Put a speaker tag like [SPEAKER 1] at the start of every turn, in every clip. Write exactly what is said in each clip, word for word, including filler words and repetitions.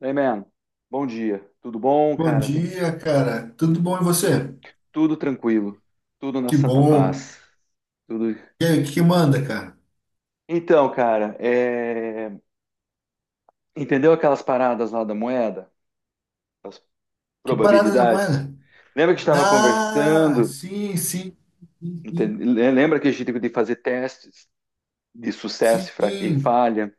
[SPEAKER 1] Hey, man. Bom dia. Tudo bom,
[SPEAKER 2] Bom
[SPEAKER 1] cara? Tudo,
[SPEAKER 2] dia, cara. Tudo bom e você?
[SPEAKER 1] tudo tranquilo. Tudo na
[SPEAKER 2] Que
[SPEAKER 1] santa
[SPEAKER 2] bom.
[SPEAKER 1] paz. Tudo.
[SPEAKER 2] E aí, o que que manda, cara?
[SPEAKER 1] Então, cara, é, entendeu aquelas paradas lá da moeda? As
[SPEAKER 2] Que parada da
[SPEAKER 1] probabilidades?
[SPEAKER 2] moeda?
[SPEAKER 1] Lembra que a gente estava
[SPEAKER 2] Ah,
[SPEAKER 1] conversando?
[SPEAKER 2] sim, sim, sim,
[SPEAKER 1] Enten- Lembra que a gente tem que fazer testes de sucesso
[SPEAKER 2] sim.
[SPEAKER 1] e fra- e
[SPEAKER 2] Sim.
[SPEAKER 1] falha?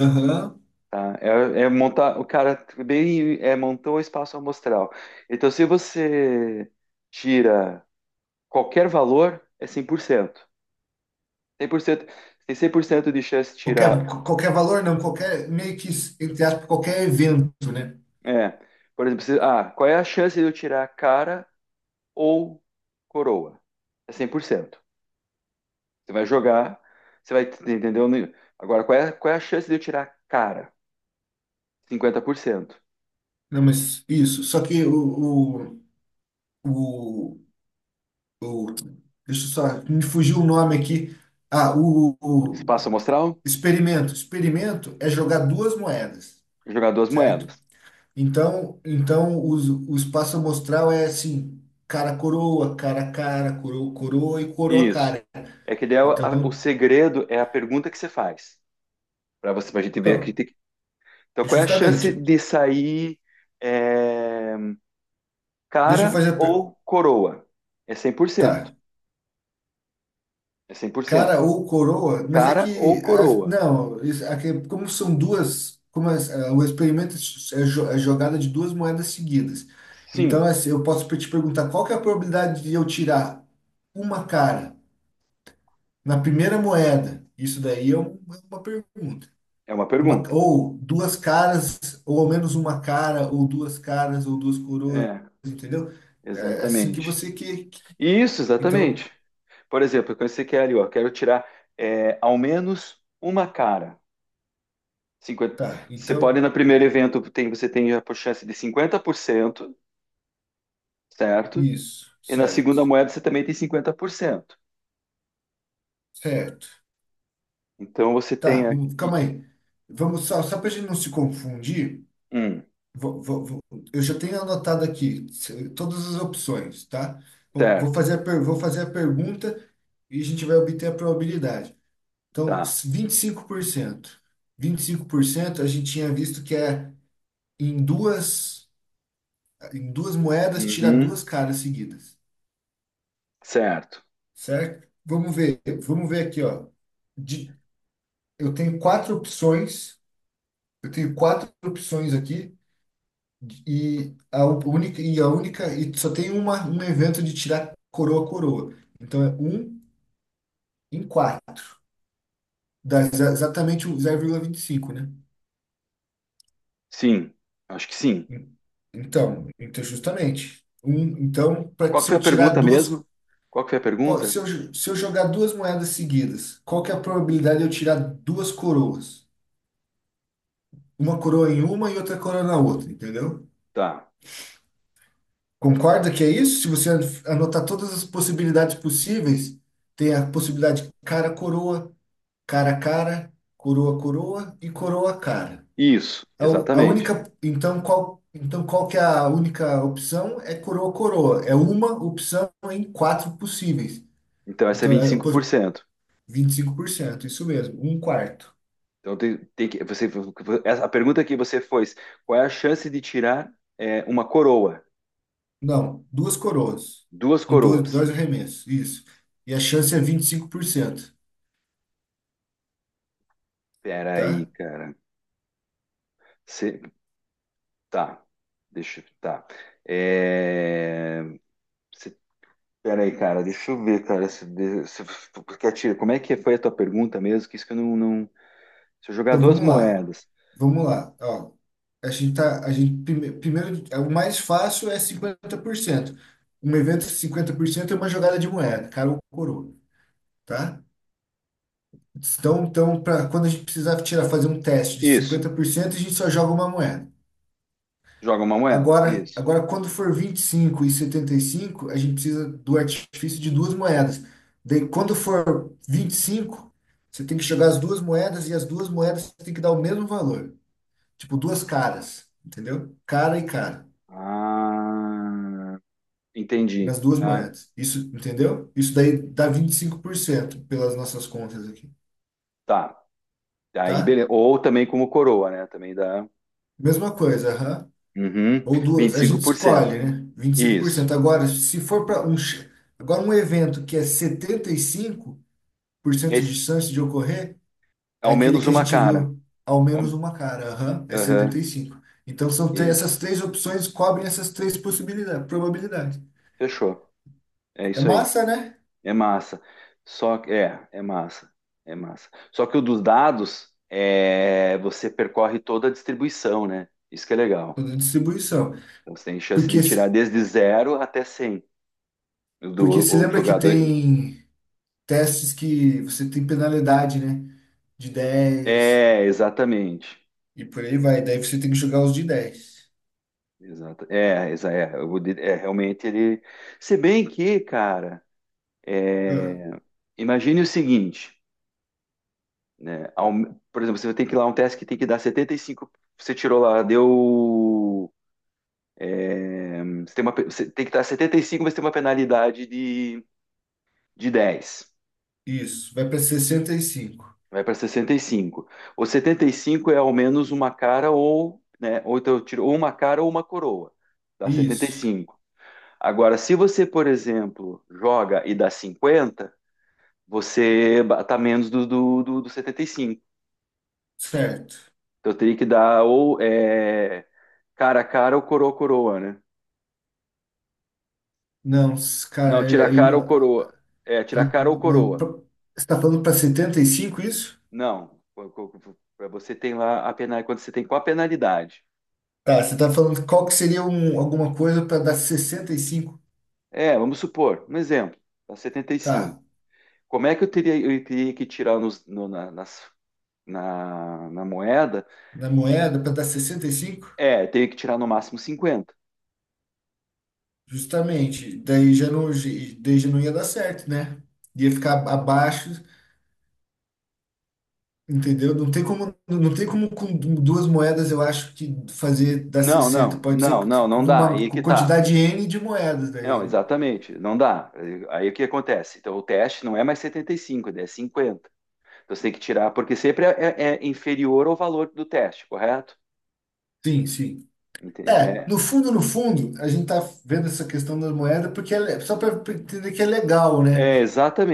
[SPEAKER 2] Aham.
[SPEAKER 1] Tá? É, é montar. O cara bem é, Montou o espaço amostral. Então, se você tira qualquer valor, é cem por cento. Cem por cento, tem cem por cento de chance de
[SPEAKER 2] Qualquer,
[SPEAKER 1] tirar.
[SPEAKER 2] qualquer valor, não, qualquer, meio que, entre aspas, qualquer evento, né?
[SPEAKER 1] É, por exemplo, se- ah, qual é a chance de eu tirar cara ou coroa? É cem por cento. Você vai jogar, você vai, entendeu? Agora, qual é, qual é a chance de eu tirar cara? Cinquenta por cento.
[SPEAKER 2] Não, mas isso. Só que o, o, o, o- deixa eu só, me fugiu o nome aqui. Ah, o, o
[SPEAKER 1] Espaço amostral,
[SPEAKER 2] experimento. Experimento é jogar duas moedas,
[SPEAKER 1] jogar duas
[SPEAKER 2] certo?
[SPEAKER 1] moedas.
[SPEAKER 2] Então, então o, o espaço amostral é assim, cara coroa, cara cara, coroa, coroa e coroa
[SPEAKER 1] Isso.
[SPEAKER 2] cara.
[SPEAKER 1] É que daí a- o
[SPEAKER 2] Então,
[SPEAKER 1] segredo é a pergunta que você faz. Para você, pra gente ver que
[SPEAKER 2] então,
[SPEAKER 1] tem que. Então, qual é a chance
[SPEAKER 2] justamente.
[SPEAKER 1] de sair é,
[SPEAKER 2] Deixa eu
[SPEAKER 1] cara
[SPEAKER 2] fazer a per-
[SPEAKER 1] ou coroa? É cem por cento.
[SPEAKER 2] Tá,
[SPEAKER 1] É cem por cento.
[SPEAKER 2] cara ou coroa, mas é
[SPEAKER 1] Cara ou
[SPEAKER 2] que as-
[SPEAKER 1] coroa?
[SPEAKER 2] não, isso- aqui, como são duas, como as- ah, o experimento é s- é jo- é jogada de duas moedas seguidas.
[SPEAKER 1] Sim,
[SPEAKER 2] Então, assim, eu posso te perguntar qual que é a probabilidade de eu tirar uma cara na primeira moeda? Isso daí é um- é uma pergunta.
[SPEAKER 1] é uma
[SPEAKER 2] Uma,
[SPEAKER 1] pergunta.
[SPEAKER 2] ou duas caras, ou ao menos uma cara, ou duas caras, ou duas coroas,
[SPEAKER 1] É,
[SPEAKER 2] entendeu? É é assim que
[SPEAKER 1] exatamente.
[SPEAKER 2] você que. Que-
[SPEAKER 1] Isso,
[SPEAKER 2] Então,
[SPEAKER 1] exatamente. Por exemplo, quando você quer ali, ó, quero tirar é, ao menos uma cara. Cinquenta.
[SPEAKER 2] tá.
[SPEAKER 1] Você pode,
[SPEAKER 2] Então,
[SPEAKER 1] no primeiro evento, tem, você tem a chance de cinquenta por cento, certo?
[SPEAKER 2] isso,
[SPEAKER 1] E na
[SPEAKER 2] certo.
[SPEAKER 1] segunda moeda você também tem cinquenta por cento.
[SPEAKER 2] Certo.
[SPEAKER 1] Então você tem
[SPEAKER 2] Tá, hum,
[SPEAKER 1] aqui
[SPEAKER 2] calma aí. Vamos só, só para a gente não se confundir,
[SPEAKER 1] um,
[SPEAKER 2] vou- vou- vou- eu já tenho anotado aqui se- todas as opções, tá? Vou vou
[SPEAKER 1] certo?
[SPEAKER 2] fazer a, per- vou fazer a pergunta e a gente vai obter a probabilidade. Então,
[SPEAKER 1] Tá.
[SPEAKER 2] vinte vinte e e cinco por cento, vinte e cinco por cento a gente tinha visto que é em duas, em duas moedas tirar
[SPEAKER 1] Uhum,
[SPEAKER 2] duas caras seguidas,
[SPEAKER 1] certo.
[SPEAKER 2] certo? Vamos ver, vamos ver aqui, ó. De- eu tenho quatro opções, eu tenho quatro opções aqui e a u- única e a única e só tem uma, um evento de tirar coroa coroa. Então é um em quatro, dá exa- exatamente o zero vírgula vinte e cinco, né?
[SPEAKER 1] Sim, acho que sim.
[SPEAKER 2] Então, então justamente. Um, então, para
[SPEAKER 1] Qual que
[SPEAKER 2] se
[SPEAKER 1] foi
[SPEAKER 2] eu
[SPEAKER 1] a
[SPEAKER 2] tirar
[SPEAKER 1] pergunta
[SPEAKER 2] duas,
[SPEAKER 1] mesmo? Qual que foi a
[SPEAKER 2] qual-
[SPEAKER 1] pergunta?
[SPEAKER 2] se eu, jo- se eu jogar duas moedas seguidas, qual que é a probabilidade de eu tirar duas coroas? Uma coroa em uma e outra coroa na outra, entendeu?
[SPEAKER 1] Tá.
[SPEAKER 2] Concorda que é isso? Se você an- anotar todas as possibilidades possíveis, tem a possibilidade cara coroa, cara cara, coroa coroa e coroa cara.
[SPEAKER 1] Isso,
[SPEAKER 2] A, u- a
[SPEAKER 1] exatamente.
[SPEAKER 2] única, então qual, então qual que é a única opção? É coroa coroa. É uma opção em quatro possíveis.
[SPEAKER 1] Então, essa é
[SPEAKER 2] Então
[SPEAKER 1] vinte e
[SPEAKER 2] é
[SPEAKER 1] cinco
[SPEAKER 2] pos-
[SPEAKER 1] por cento.
[SPEAKER 2] Vinte e cinco por cento isso mesmo, um quarto.
[SPEAKER 1] Então, tem, tem que, você, essa- a pergunta que você fez, qual é a chance de tirar é, uma coroa?
[SPEAKER 2] Não, duas coroas
[SPEAKER 1] Duas
[SPEAKER 2] em dois,
[SPEAKER 1] coroas.
[SPEAKER 2] dois arremessos, isso. E a chance é vinte e cinco por cento,
[SPEAKER 1] Pera aí,
[SPEAKER 2] tá?
[SPEAKER 1] cara. Você, tá. Deixa, eu- tá. É, você, pera aí, cara. Deixa eu ver, cara. Se, de- se, porque a tira- como é que foi a tua pergunta mesmo? Que isso que eu não, não... Se eu jogar
[SPEAKER 2] Então
[SPEAKER 1] duas
[SPEAKER 2] vamos lá,
[SPEAKER 1] moedas.
[SPEAKER 2] vamos lá. Ó, a gente tá, a gente prime- primeiro, é, o mais fácil é cinquenta por cento. Um evento cinquenta por cento é uma jogada de moeda, cara ou coroa, tá? Então, então pra, quando a gente precisar tirar, fazer um teste de
[SPEAKER 1] Isso.
[SPEAKER 2] cinquenta por cento a gente só joga uma moeda.
[SPEAKER 1] Joga uma moeda.
[SPEAKER 2] Agora,
[SPEAKER 1] Isso.
[SPEAKER 2] agora, quando for vinte e cinco e e setenta e cinco a gente precisa do artifício de duas moedas. Daí, quando for vinte e cinco você tem que jogar as duas moedas e as duas moedas você tem que dar o mesmo valor. Tipo, duas caras, entendeu? Cara e cara,
[SPEAKER 1] Ah... Entendi.
[SPEAKER 2] nas duas
[SPEAKER 1] Ah,
[SPEAKER 2] moedas. Isso, entendeu? Isso daí dá vinte e cinco por cento pelas nossas contas aqui,
[SPEAKER 1] tá. Aí,
[SPEAKER 2] tá?
[SPEAKER 1] beleza. Ou também como coroa, né? Também dá.
[SPEAKER 2] Mesma coisa, aham.
[SPEAKER 1] Uhum.
[SPEAKER 2] Ou
[SPEAKER 1] Vinte
[SPEAKER 2] duas,
[SPEAKER 1] e
[SPEAKER 2] a
[SPEAKER 1] cinco
[SPEAKER 2] gente
[SPEAKER 1] por cento.
[SPEAKER 2] escolhe, né? vinte e cinco por
[SPEAKER 1] Isso.
[SPEAKER 2] cento Agora, se for para um, ch- agora um evento que é setenta e cinco por cento de
[SPEAKER 1] Esse-
[SPEAKER 2] chance de ocorrer, é
[SPEAKER 1] ao
[SPEAKER 2] aquele
[SPEAKER 1] menos
[SPEAKER 2] que a
[SPEAKER 1] uma
[SPEAKER 2] gente
[SPEAKER 1] cara.
[SPEAKER 2] viu ao menos
[SPEAKER 1] Ao-
[SPEAKER 2] uma cara. Aham, é setenta
[SPEAKER 1] Aham.
[SPEAKER 2] e cinco Então são três,
[SPEAKER 1] Isso.
[SPEAKER 2] essas três opções cobrem essas três possibilidades, probabilidades.
[SPEAKER 1] Fechou. É
[SPEAKER 2] É
[SPEAKER 1] isso aí.
[SPEAKER 2] massa, né?
[SPEAKER 1] É massa. Só que. É, é massa. É massa. Só que o dos dados, é, você percorre toda a distribuição, né? Isso que é legal.
[SPEAKER 2] Toda distribuição.
[SPEAKER 1] Então, você tem chance de
[SPEAKER 2] Porque
[SPEAKER 1] tirar
[SPEAKER 2] se-
[SPEAKER 1] desde zero até cem.
[SPEAKER 2] Porque
[SPEAKER 1] Do,
[SPEAKER 2] se
[SPEAKER 1] o
[SPEAKER 2] lembra que
[SPEAKER 1] jogador.
[SPEAKER 2] tem testes que você tem penalidade, né? De dez
[SPEAKER 1] É, exatamente.
[SPEAKER 2] e por aí vai. Daí você tem que jogar os de dez.
[SPEAKER 1] Exato. É, exa- é, eu vou dir- é, realmente ele. Se bem que, cara, imagine o seguinte, né? ao- Por exemplo, você tem que ir lá um teste que tem que dar setenta e cinco, você tirou lá, deu. Você tem, uma, pe- você tem que dar setenta e cinco, mas tem uma penalidade de, de dez.
[SPEAKER 2] Isso, vai para sessenta e cinco.
[SPEAKER 1] Vai para sessenta e cinco, o setenta e cinco é ao menos uma cara ou, né? Ou então eu tiro ou uma cara ou uma coroa. Dá setenta e
[SPEAKER 2] Isso,
[SPEAKER 1] cinco. Agora, se você, por exemplo, joga e dá cinquenta, você tá menos do, do, do, do setenta e cinco.
[SPEAKER 2] certo.
[SPEAKER 1] Então eu teria que dar ou é, cara a cara ou coroa a coroa, né?
[SPEAKER 2] Não, s- cara,
[SPEAKER 1] Não, tira
[SPEAKER 2] é-
[SPEAKER 1] a
[SPEAKER 2] aí
[SPEAKER 1] cara ou
[SPEAKER 2] não,
[SPEAKER 1] coroa. É, tira a cara ou
[SPEAKER 2] mas pra-
[SPEAKER 1] coroa.
[SPEAKER 2] você está falando para setenta e cinco isso?
[SPEAKER 1] Não, co- co- co- Pra você tem lá a penalidade, quando você tem qual a penalidade?
[SPEAKER 2] Tá, você está falando qual que seria um, alguma coisa para dar sessenta e cinco?
[SPEAKER 1] É, vamos supor, um exemplo, tá setenta e cinco.
[SPEAKER 2] Tá,
[SPEAKER 1] Como é que eu teria, eu teria que tirar nos, no- na, nas- na, na moeda?
[SPEAKER 2] na moeda para dar sessenta e cinco,
[SPEAKER 1] É, eu teria que tirar no máximo cinquenta.
[SPEAKER 2] justamente, daí já não, ge- daí já não ia dar certo, né? Ia ficar abaixo, entendeu? Não tem como, não tem como com duas moedas, eu acho que fazer dar
[SPEAKER 1] Não,
[SPEAKER 2] sessenta.
[SPEAKER 1] não,
[SPEAKER 2] Pode ser
[SPEAKER 1] não, não,
[SPEAKER 2] com
[SPEAKER 1] não dá.
[SPEAKER 2] uma
[SPEAKER 1] Aí é
[SPEAKER 2] com
[SPEAKER 1] que tá.
[SPEAKER 2] quantidade N de moedas
[SPEAKER 1] Não,
[SPEAKER 2] daí, né?
[SPEAKER 1] exatamente, não dá. Aí, aí o que acontece? Então o teste não é mais setenta e cinco, é cinquenta. Então você tem que tirar, porque sempre é, é- é inferior ao valor do teste, correto?
[SPEAKER 2] Sim, sim.
[SPEAKER 1] Entende?
[SPEAKER 2] É,
[SPEAKER 1] É,
[SPEAKER 2] no fundo, no fundo, a gente tá vendo essa questão das moedas porque é, le- só para entender que é legal, né?
[SPEAKER 1] é,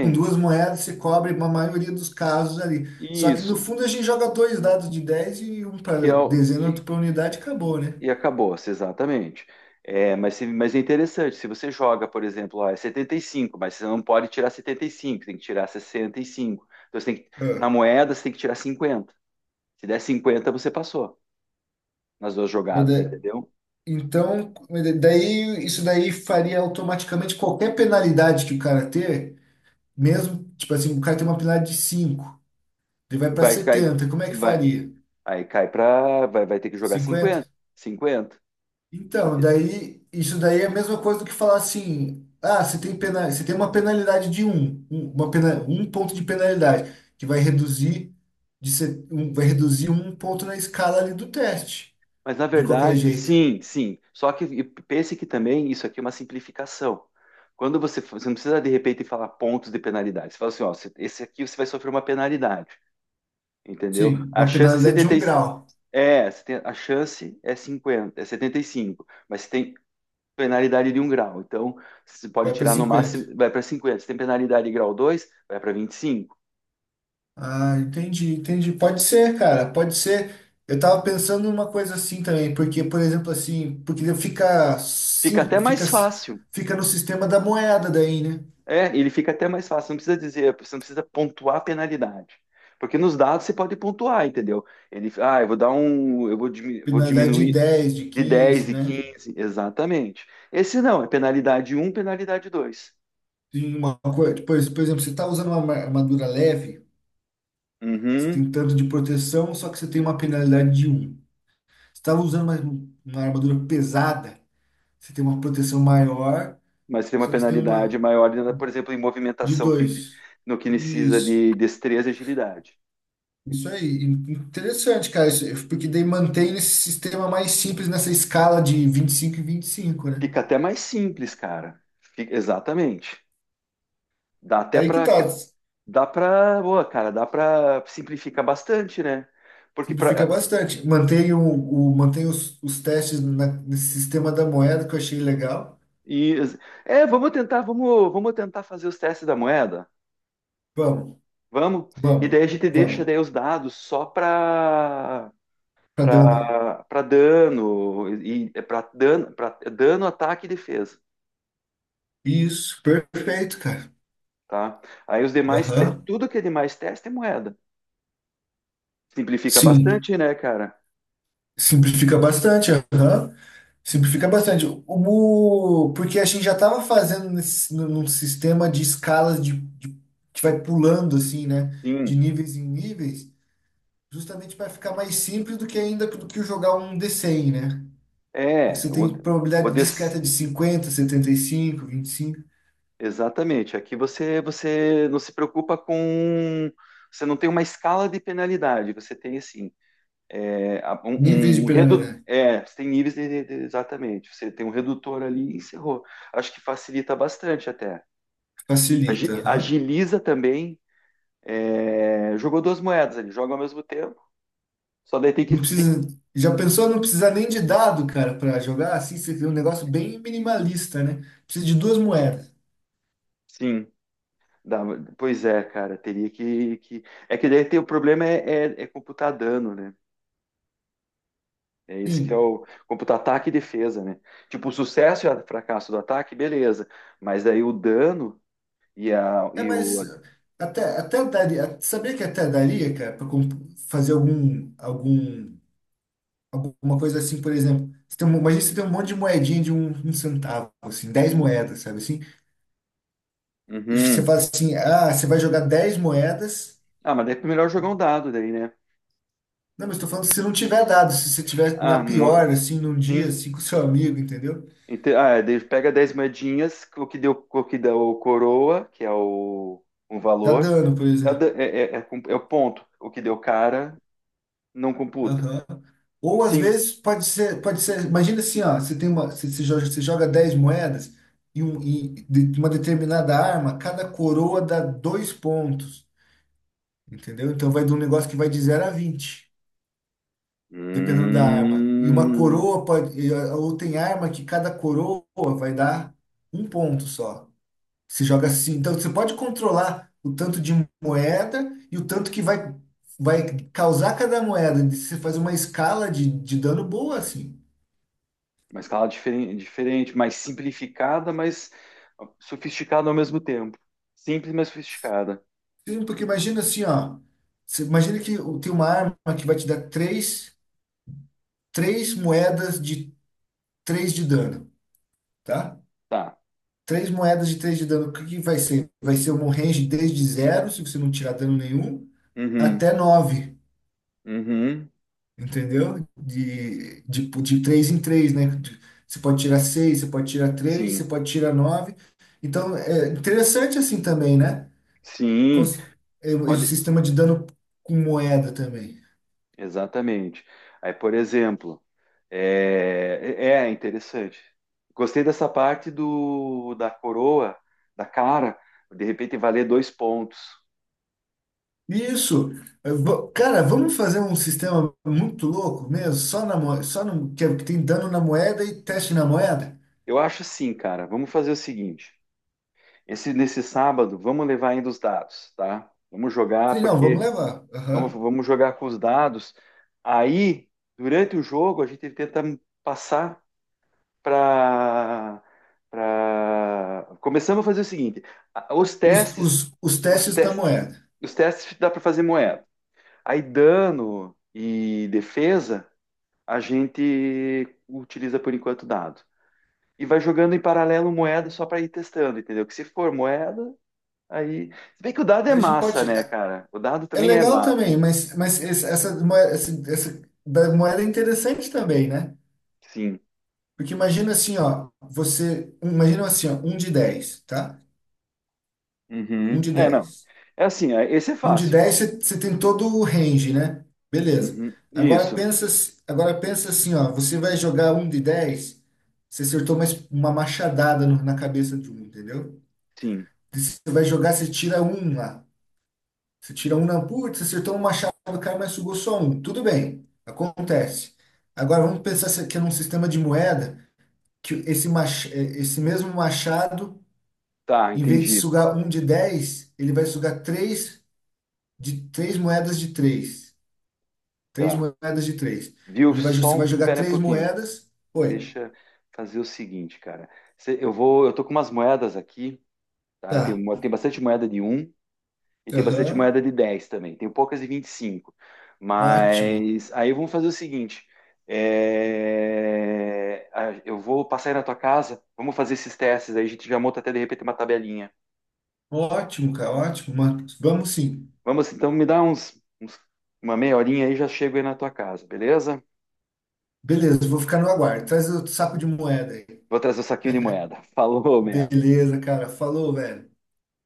[SPEAKER 2] Com duas moedas se cobre uma maioria dos casos ali. Só que no
[SPEAKER 1] Isso,
[SPEAKER 2] fundo a gente joga dois dados de dez e um
[SPEAKER 1] que
[SPEAKER 2] para
[SPEAKER 1] é o
[SPEAKER 2] dezena,
[SPEAKER 1] que
[SPEAKER 2] outro para unidade, e acabou, né?
[SPEAKER 1] e acabou-se, exatamente. É, mas, se- mas é interessante, se você joga, por exemplo, ó, é setenta e cinco, mas você não pode tirar setenta e cinco, tem que tirar sessenta e cinco. Então você tem que, na
[SPEAKER 2] Ah,
[SPEAKER 1] moeda você tem que tirar cinquenta. Se der cinquenta, você passou nas duas
[SPEAKER 2] Mas
[SPEAKER 1] jogadas,
[SPEAKER 2] da-
[SPEAKER 1] entendeu?
[SPEAKER 2] Então, mas da- daí isso daí faria automaticamente qualquer penalidade que o cara ter, mesmo, tipo assim, o cara tem uma penalidade de cinco, ele vai para
[SPEAKER 1] Vai cair,
[SPEAKER 2] setenta, como é que
[SPEAKER 1] vai,
[SPEAKER 2] faria?
[SPEAKER 1] aí cai para, vai, vai ter que jogar cinquenta,
[SPEAKER 2] Cinquenta.
[SPEAKER 1] cinquenta.
[SPEAKER 2] Então,
[SPEAKER 1] Ente-
[SPEAKER 2] daí, isso daí é a mesma coisa do que falar assim, ah, você tem pena, você tem uma penalidade de um, um- uma pena, um ponto de penalidade, que vai reduzir de se- um, vai reduzir um ponto na escala ali do teste,
[SPEAKER 1] Mas na
[SPEAKER 2] de qualquer
[SPEAKER 1] verdade,
[SPEAKER 2] jeito.
[SPEAKER 1] sim, sim. Só que e pense que também isso aqui é uma simplificação. Quando você, fa- você não precisa de repente falar pontos de penalidade. Você fala assim, ó, você- esse aqui você vai sofrer uma penalidade, entendeu?
[SPEAKER 2] Sim,
[SPEAKER 1] A
[SPEAKER 2] uma
[SPEAKER 1] chance é
[SPEAKER 2] penalidade de um
[SPEAKER 1] setenta e cinco,
[SPEAKER 2] grau,
[SPEAKER 1] é, você tem- a chance é cinquenta é setenta e cinco, mas você tem penalidade de um grau. Então, você pode
[SPEAKER 2] vai para
[SPEAKER 1] tirar no máximo,
[SPEAKER 2] cinquenta.
[SPEAKER 1] vai para cinquenta. Se tem penalidade de grau dois, vai para vinte e cinco.
[SPEAKER 2] Ah, entendi, entendi. Pode ser, cara, pode ser. Eu tava pensando numa coisa assim também, porque, por exemplo, assim, porque fica,
[SPEAKER 1] Fica
[SPEAKER 2] si-
[SPEAKER 1] até
[SPEAKER 2] fica,
[SPEAKER 1] mais fácil.
[SPEAKER 2] fica no sistema da moeda daí, né?
[SPEAKER 1] É, ele fica até mais fácil, não precisa dizer, você não precisa pontuar a penalidade. Porque nos dados você pode pontuar, entendeu? Ele, ah, eu vou dar um, eu vou diminuir, vou
[SPEAKER 2] Penalidade de
[SPEAKER 1] diminuir
[SPEAKER 2] dez, de
[SPEAKER 1] de
[SPEAKER 2] quinze,
[SPEAKER 1] dez e
[SPEAKER 2] né?
[SPEAKER 1] quinze, exatamente. Esse não, é penalidade um, penalidade dois.
[SPEAKER 2] Tem uma coisa, por por exemplo, você está usando uma ma- armadura leve, você tem
[SPEAKER 1] Uhum,
[SPEAKER 2] tanto de proteção, só que você tem uma penalidade de um. Você estava usando uma, uma armadura pesada, você tem uma proteção maior,
[SPEAKER 1] mas tem uma
[SPEAKER 2] só que você tem
[SPEAKER 1] penalidade
[SPEAKER 2] uma
[SPEAKER 1] maior, né, por exemplo, em
[SPEAKER 2] de
[SPEAKER 1] movimentação que
[SPEAKER 2] dois.
[SPEAKER 1] no que precisa
[SPEAKER 2] Isso.
[SPEAKER 1] de destreza e agilidade.
[SPEAKER 2] Isso aí. In- Interessante, cara. Isso, porque daí mantém esse sistema mais simples nessa escala de vinte e cinco e e vinte e cinco, né?
[SPEAKER 1] Fica até mais simples, cara. Fica- exatamente. Dá até
[SPEAKER 2] Aí que
[SPEAKER 1] para.
[SPEAKER 2] tá.
[SPEAKER 1] Dá pra, boa, cara, dá pra simplificar bastante, né? Porque
[SPEAKER 2] Simplifica
[SPEAKER 1] pra,
[SPEAKER 2] bastante. Mantém, o, o- os, os testes na- nesse sistema da moeda que eu achei legal.
[SPEAKER 1] e, é, vamos tentar, vamos, vamos tentar fazer os testes da moeda.
[SPEAKER 2] Vamos,
[SPEAKER 1] Vamos? E
[SPEAKER 2] vamos,
[SPEAKER 1] daí a gente deixa
[SPEAKER 2] vamos.
[SPEAKER 1] daí os dados só para
[SPEAKER 2] Tá dando.
[SPEAKER 1] para para dano, e para dano, para dano, ataque e defesa,
[SPEAKER 2] Isso, perfeito, cara.
[SPEAKER 1] tá? Aí os demais, te-
[SPEAKER 2] Aham.
[SPEAKER 1] tudo que é demais teste é moeda. Simplifica
[SPEAKER 2] Sim,
[SPEAKER 1] bastante, né, cara?
[SPEAKER 2] simplifica bastante. Aham. Simplifica bastante. O, porque a gente já estava fazendo nesse, num num sistema de escalas de, de- que vai pulando assim, né? De
[SPEAKER 1] Sim.
[SPEAKER 2] níveis em níveis, justamente para ficar mais simples do que ainda do que jogar um dê cem, né? Porque
[SPEAKER 1] É,
[SPEAKER 2] você tem
[SPEAKER 1] o, o,
[SPEAKER 2] probabilidade
[SPEAKER 1] D C.
[SPEAKER 2] discreta de cinquenta, setenta e cinco, vinte e cinco,
[SPEAKER 1] Exatamente. Aqui você você não se preocupa com, você não tem uma escala de penalidade. Você tem assim é, a-
[SPEAKER 2] níveis de
[SPEAKER 1] um, um redu...
[SPEAKER 2] penalidade.
[SPEAKER 1] é, você tem níveis de, de- exatamente. Você tem um redutor ali e encerrou. Acho que facilita bastante até. Agi-
[SPEAKER 2] Facilita, aham.
[SPEAKER 1] Agiliza também. É, jogou duas moedas ali, joga ao mesmo tempo. Só daí tem que
[SPEAKER 2] Não
[SPEAKER 1] tem-
[SPEAKER 2] precisa. Já pensou não precisar nem de dado, cara, para jogar assim? Você tem um negócio bem minimalista, né? Precisa de duas moedas.
[SPEAKER 1] sim. dá- Pois é, cara, teria que, que... É que daí tem, o problema é, é, é computar dano, né? É isso que é
[SPEAKER 2] Sim.
[SPEAKER 1] o computar ataque e defesa, né? Tipo, o sucesso e o fracasso do ataque, beleza. Mas daí o dano e, a,
[SPEAKER 2] É,
[SPEAKER 1] e
[SPEAKER 2] mas
[SPEAKER 1] o.
[SPEAKER 2] até, até daria. Sabia que até daria, cara, para fazer algum, algum, alguma coisa assim, por exemplo. Você tem, um- imagina você tem um monte de moedinha de um, um centavo, assim, dez moedas, sabe assim? E você
[SPEAKER 1] Uhum.
[SPEAKER 2] fala assim, ah, você vai jogar dez moedas.
[SPEAKER 1] Ah, mas daí é melhor jogar um dado daí, né?
[SPEAKER 2] Não, mas estou falando se não tiver dado, se você tiver
[SPEAKER 1] Ah,
[SPEAKER 2] na
[SPEAKER 1] mo-
[SPEAKER 2] pior, assim, num dia,
[SPEAKER 1] sim.
[SPEAKER 2] assim, com seu amigo, entendeu?
[SPEAKER 1] Ente- Ah, é, daí pega dez moedinhas, o que deu, o que deu coroa, que é o, o
[SPEAKER 2] Tá
[SPEAKER 1] valor,
[SPEAKER 2] dando, por
[SPEAKER 1] é, o da-
[SPEAKER 2] exemplo.
[SPEAKER 1] é- é- é com- é o ponto. O que deu cara não computa.
[SPEAKER 2] Aham. Ou às
[SPEAKER 1] Sim.
[SPEAKER 2] vezes pode ser, pode ser, imagina assim, ó, você tem uma, você, você joga, você joga dez moedas e, um, e de- uma determinada arma, cada coroa dá dois pontos, entendeu? Então vai de um negócio que vai de zero a vinte, dependendo da arma. E uma
[SPEAKER 1] Hum.
[SPEAKER 2] coroa pode, e, ou tem arma que cada coroa vai dar um ponto só. Você joga assim. Então, você pode controlar o tanto de moeda e o tanto que vai, vai causar cada moeda. Você faz uma escala de, de dano boa, assim.
[SPEAKER 1] Uma escala diferen- diferente, mais simplificada, mas sofisticada ao mesmo tempo. Simples, mas sofisticada.
[SPEAKER 2] Sim, porque imagina assim, ó. Você imagina que o- tem uma arma que vai te dar três, três moedas de três de dano, tá?
[SPEAKER 1] Tá.
[SPEAKER 2] Três moedas de três de dano. O que que vai ser? Vai ser um range desde zero, se você não tirar dano nenhum,
[SPEAKER 1] Uhum.
[SPEAKER 2] até nove.
[SPEAKER 1] Uhum.
[SPEAKER 2] Entendeu? De, de, de três em três, né? De- você pode tirar seis, você pode tirar três, você
[SPEAKER 1] Sim.
[SPEAKER 2] pode tirar nove. Então, é interessante assim também, né?
[SPEAKER 1] Sim.
[SPEAKER 2] Cons- é, O é o
[SPEAKER 1] Pode.
[SPEAKER 2] sistema de dano com moeda também.
[SPEAKER 1] Exatamente. Aí, por exemplo, é, é é interessante. Gostei dessa parte do da coroa, da cara, de repente valer dois pontos.
[SPEAKER 2] Isso. Eu vou- cara, vamos fazer um sistema muito louco mesmo, só na moeda, só no, que é, que tem dano na moeda e teste na moeda?
[SPEAKER 1] Eu acho assim, cara. Vamos fazer o seguinte. Esse Nesse sábado, vamos levar ainda os dados, tá? Vamos jogar
[SPEAKER 2] Sim, não, vamos
[SPEAKER 1] porque
[SPEAKER 2] levar.
[SPEAKER 1] vamos,
[SPEAKER 2] Aham.
[SPEAKER 1] vamos jogar com os dados. Aí, durante o jogo, a gente tenta passar para. Pra... Começamos a fazer o seguinte: os
[SPEAKER 2] Os,
[SPEAKER 1] testes,
[SPEAKER 2] os, os
[SPEAKER 1] os
[SPEAKER 2] testes da
[SPEAKER 1] testes,
[SPEAKER 2] moeda.
[SPEAKER 1] os testes dá para fazer moeda. Aí, dano e defesa, a gente utiliza por enquanto dado. E vai jogando em paralelo moeda só para ir testando, entendeu? Que se for moeda, aí. Se bem que o dado é
[SPEAKER 2] A gente
[SPEAKER 1] massa,
[SPEAKER 2] pode.
[SPEAKER 1] né, cara? O dado
[SPEAKER 2] É
[SPEAKER 1] também é
[SPEAKER 2] legal
[SPEAKER 1] massa,
[SPEAKER 2] também, mas, mas esse- essa, moeda, essa da moeda é interessante também, né?
[SPEAKER 1] sim.
[SPEAKER 2] Porque imagina assim, ó, você, imagina assim, ó, um de dez, tá? Um
[SPEAKER 1] Uhum.
[SPEAKER 2] de
[SPEAKER 1] É, não.
[SPEAKER 2] dez.
[SPEAKER 1] É assim, é- esse é
[SPEAKER 2] Um de
[SPEAKER 1] fácil.
[SPEAKER 2] dez, você você tem todo o range, né? Beleza.
[SPEAKER 1] Uhum.
[SPEAKER 2] Agora
[SPEAKER 1] Isso,
[SPEAKER 2] pensa, s- agora pensa assim, ó, você vai jogar um de dez, você acertou uma, es- uma machadada no- na cabeça de um, entendeu?
[SPEAKER 1] sim.
[SPEAKER 2] E você vai jogar, você tira um lá. Você tira um na putz, você acertou um machado do cara, mas sugou só um. Tudo bem, acontece. Agora vamos pensar se- que é num sistema de moeda que esse, mach, eh, esse mesmo machado,
[SPEAKER 1] Tá,
[SPEAKER 2] em vez de
[SPEAKER 1] entendi.
[SPEAKER 2] sugar um de dez, ele vai sugar três de três moedas de três. Três
[SPEAKER 1] Tá.
[SPEAKER 2] moedas de três.
[SPEAKER 1] Viu?
[SPEAKER 2] Ele vai, jo-
[SPEAKER 1] Só
[SPEAKER 2] você vai
[SPEAKER 1] um,
[SPEAKER 2] jogar
[SPEAKER 1] pera aí um
[SPEAKER 2] três
[SPEAKER 1] pouquinho.
[SPEAKER 2] moedas. Oi.
[SPEAKER 1] Deixa eu fazer o seguinte, cara. Cê- Eu vou, eu tô com umas moedas aqui, tá? Eu tenho,
[SPEAKER 2] Tá.
[SPEAKER 1] mo- tem bastante moeda de um e tem bastante
[SPEAKER 2] Aham.
[SPEAKER 1] moeda de dez também. Tenho poucas de vinte e cinco.
[SPEAKER 2] Ótimo.
[SPEAKER 1] Mas aí vamos fazer o seguinte. é, a- Eu vou passar aí na tua casa, vamos fazer esses testes aí, a gente já monta até de repente uma tabelinha.
[SPEAKER 2] Ótimo, cara. Ótimo. Marcos. Vamos sim.
[SPEAKER 1] Vamos, então, me dá uns, uns- uma meia horinha aí, já chego aí na tua casa, beleza?
[SPEAKER 2] Beleza, vou ficar no aguardo. Traz o saco de moeda aí.
[SPEAKER 1] Vou trazer o saquinho de moeda. Falou, man.
[SPEAKER 2] Beleza, cara. Falou, velho.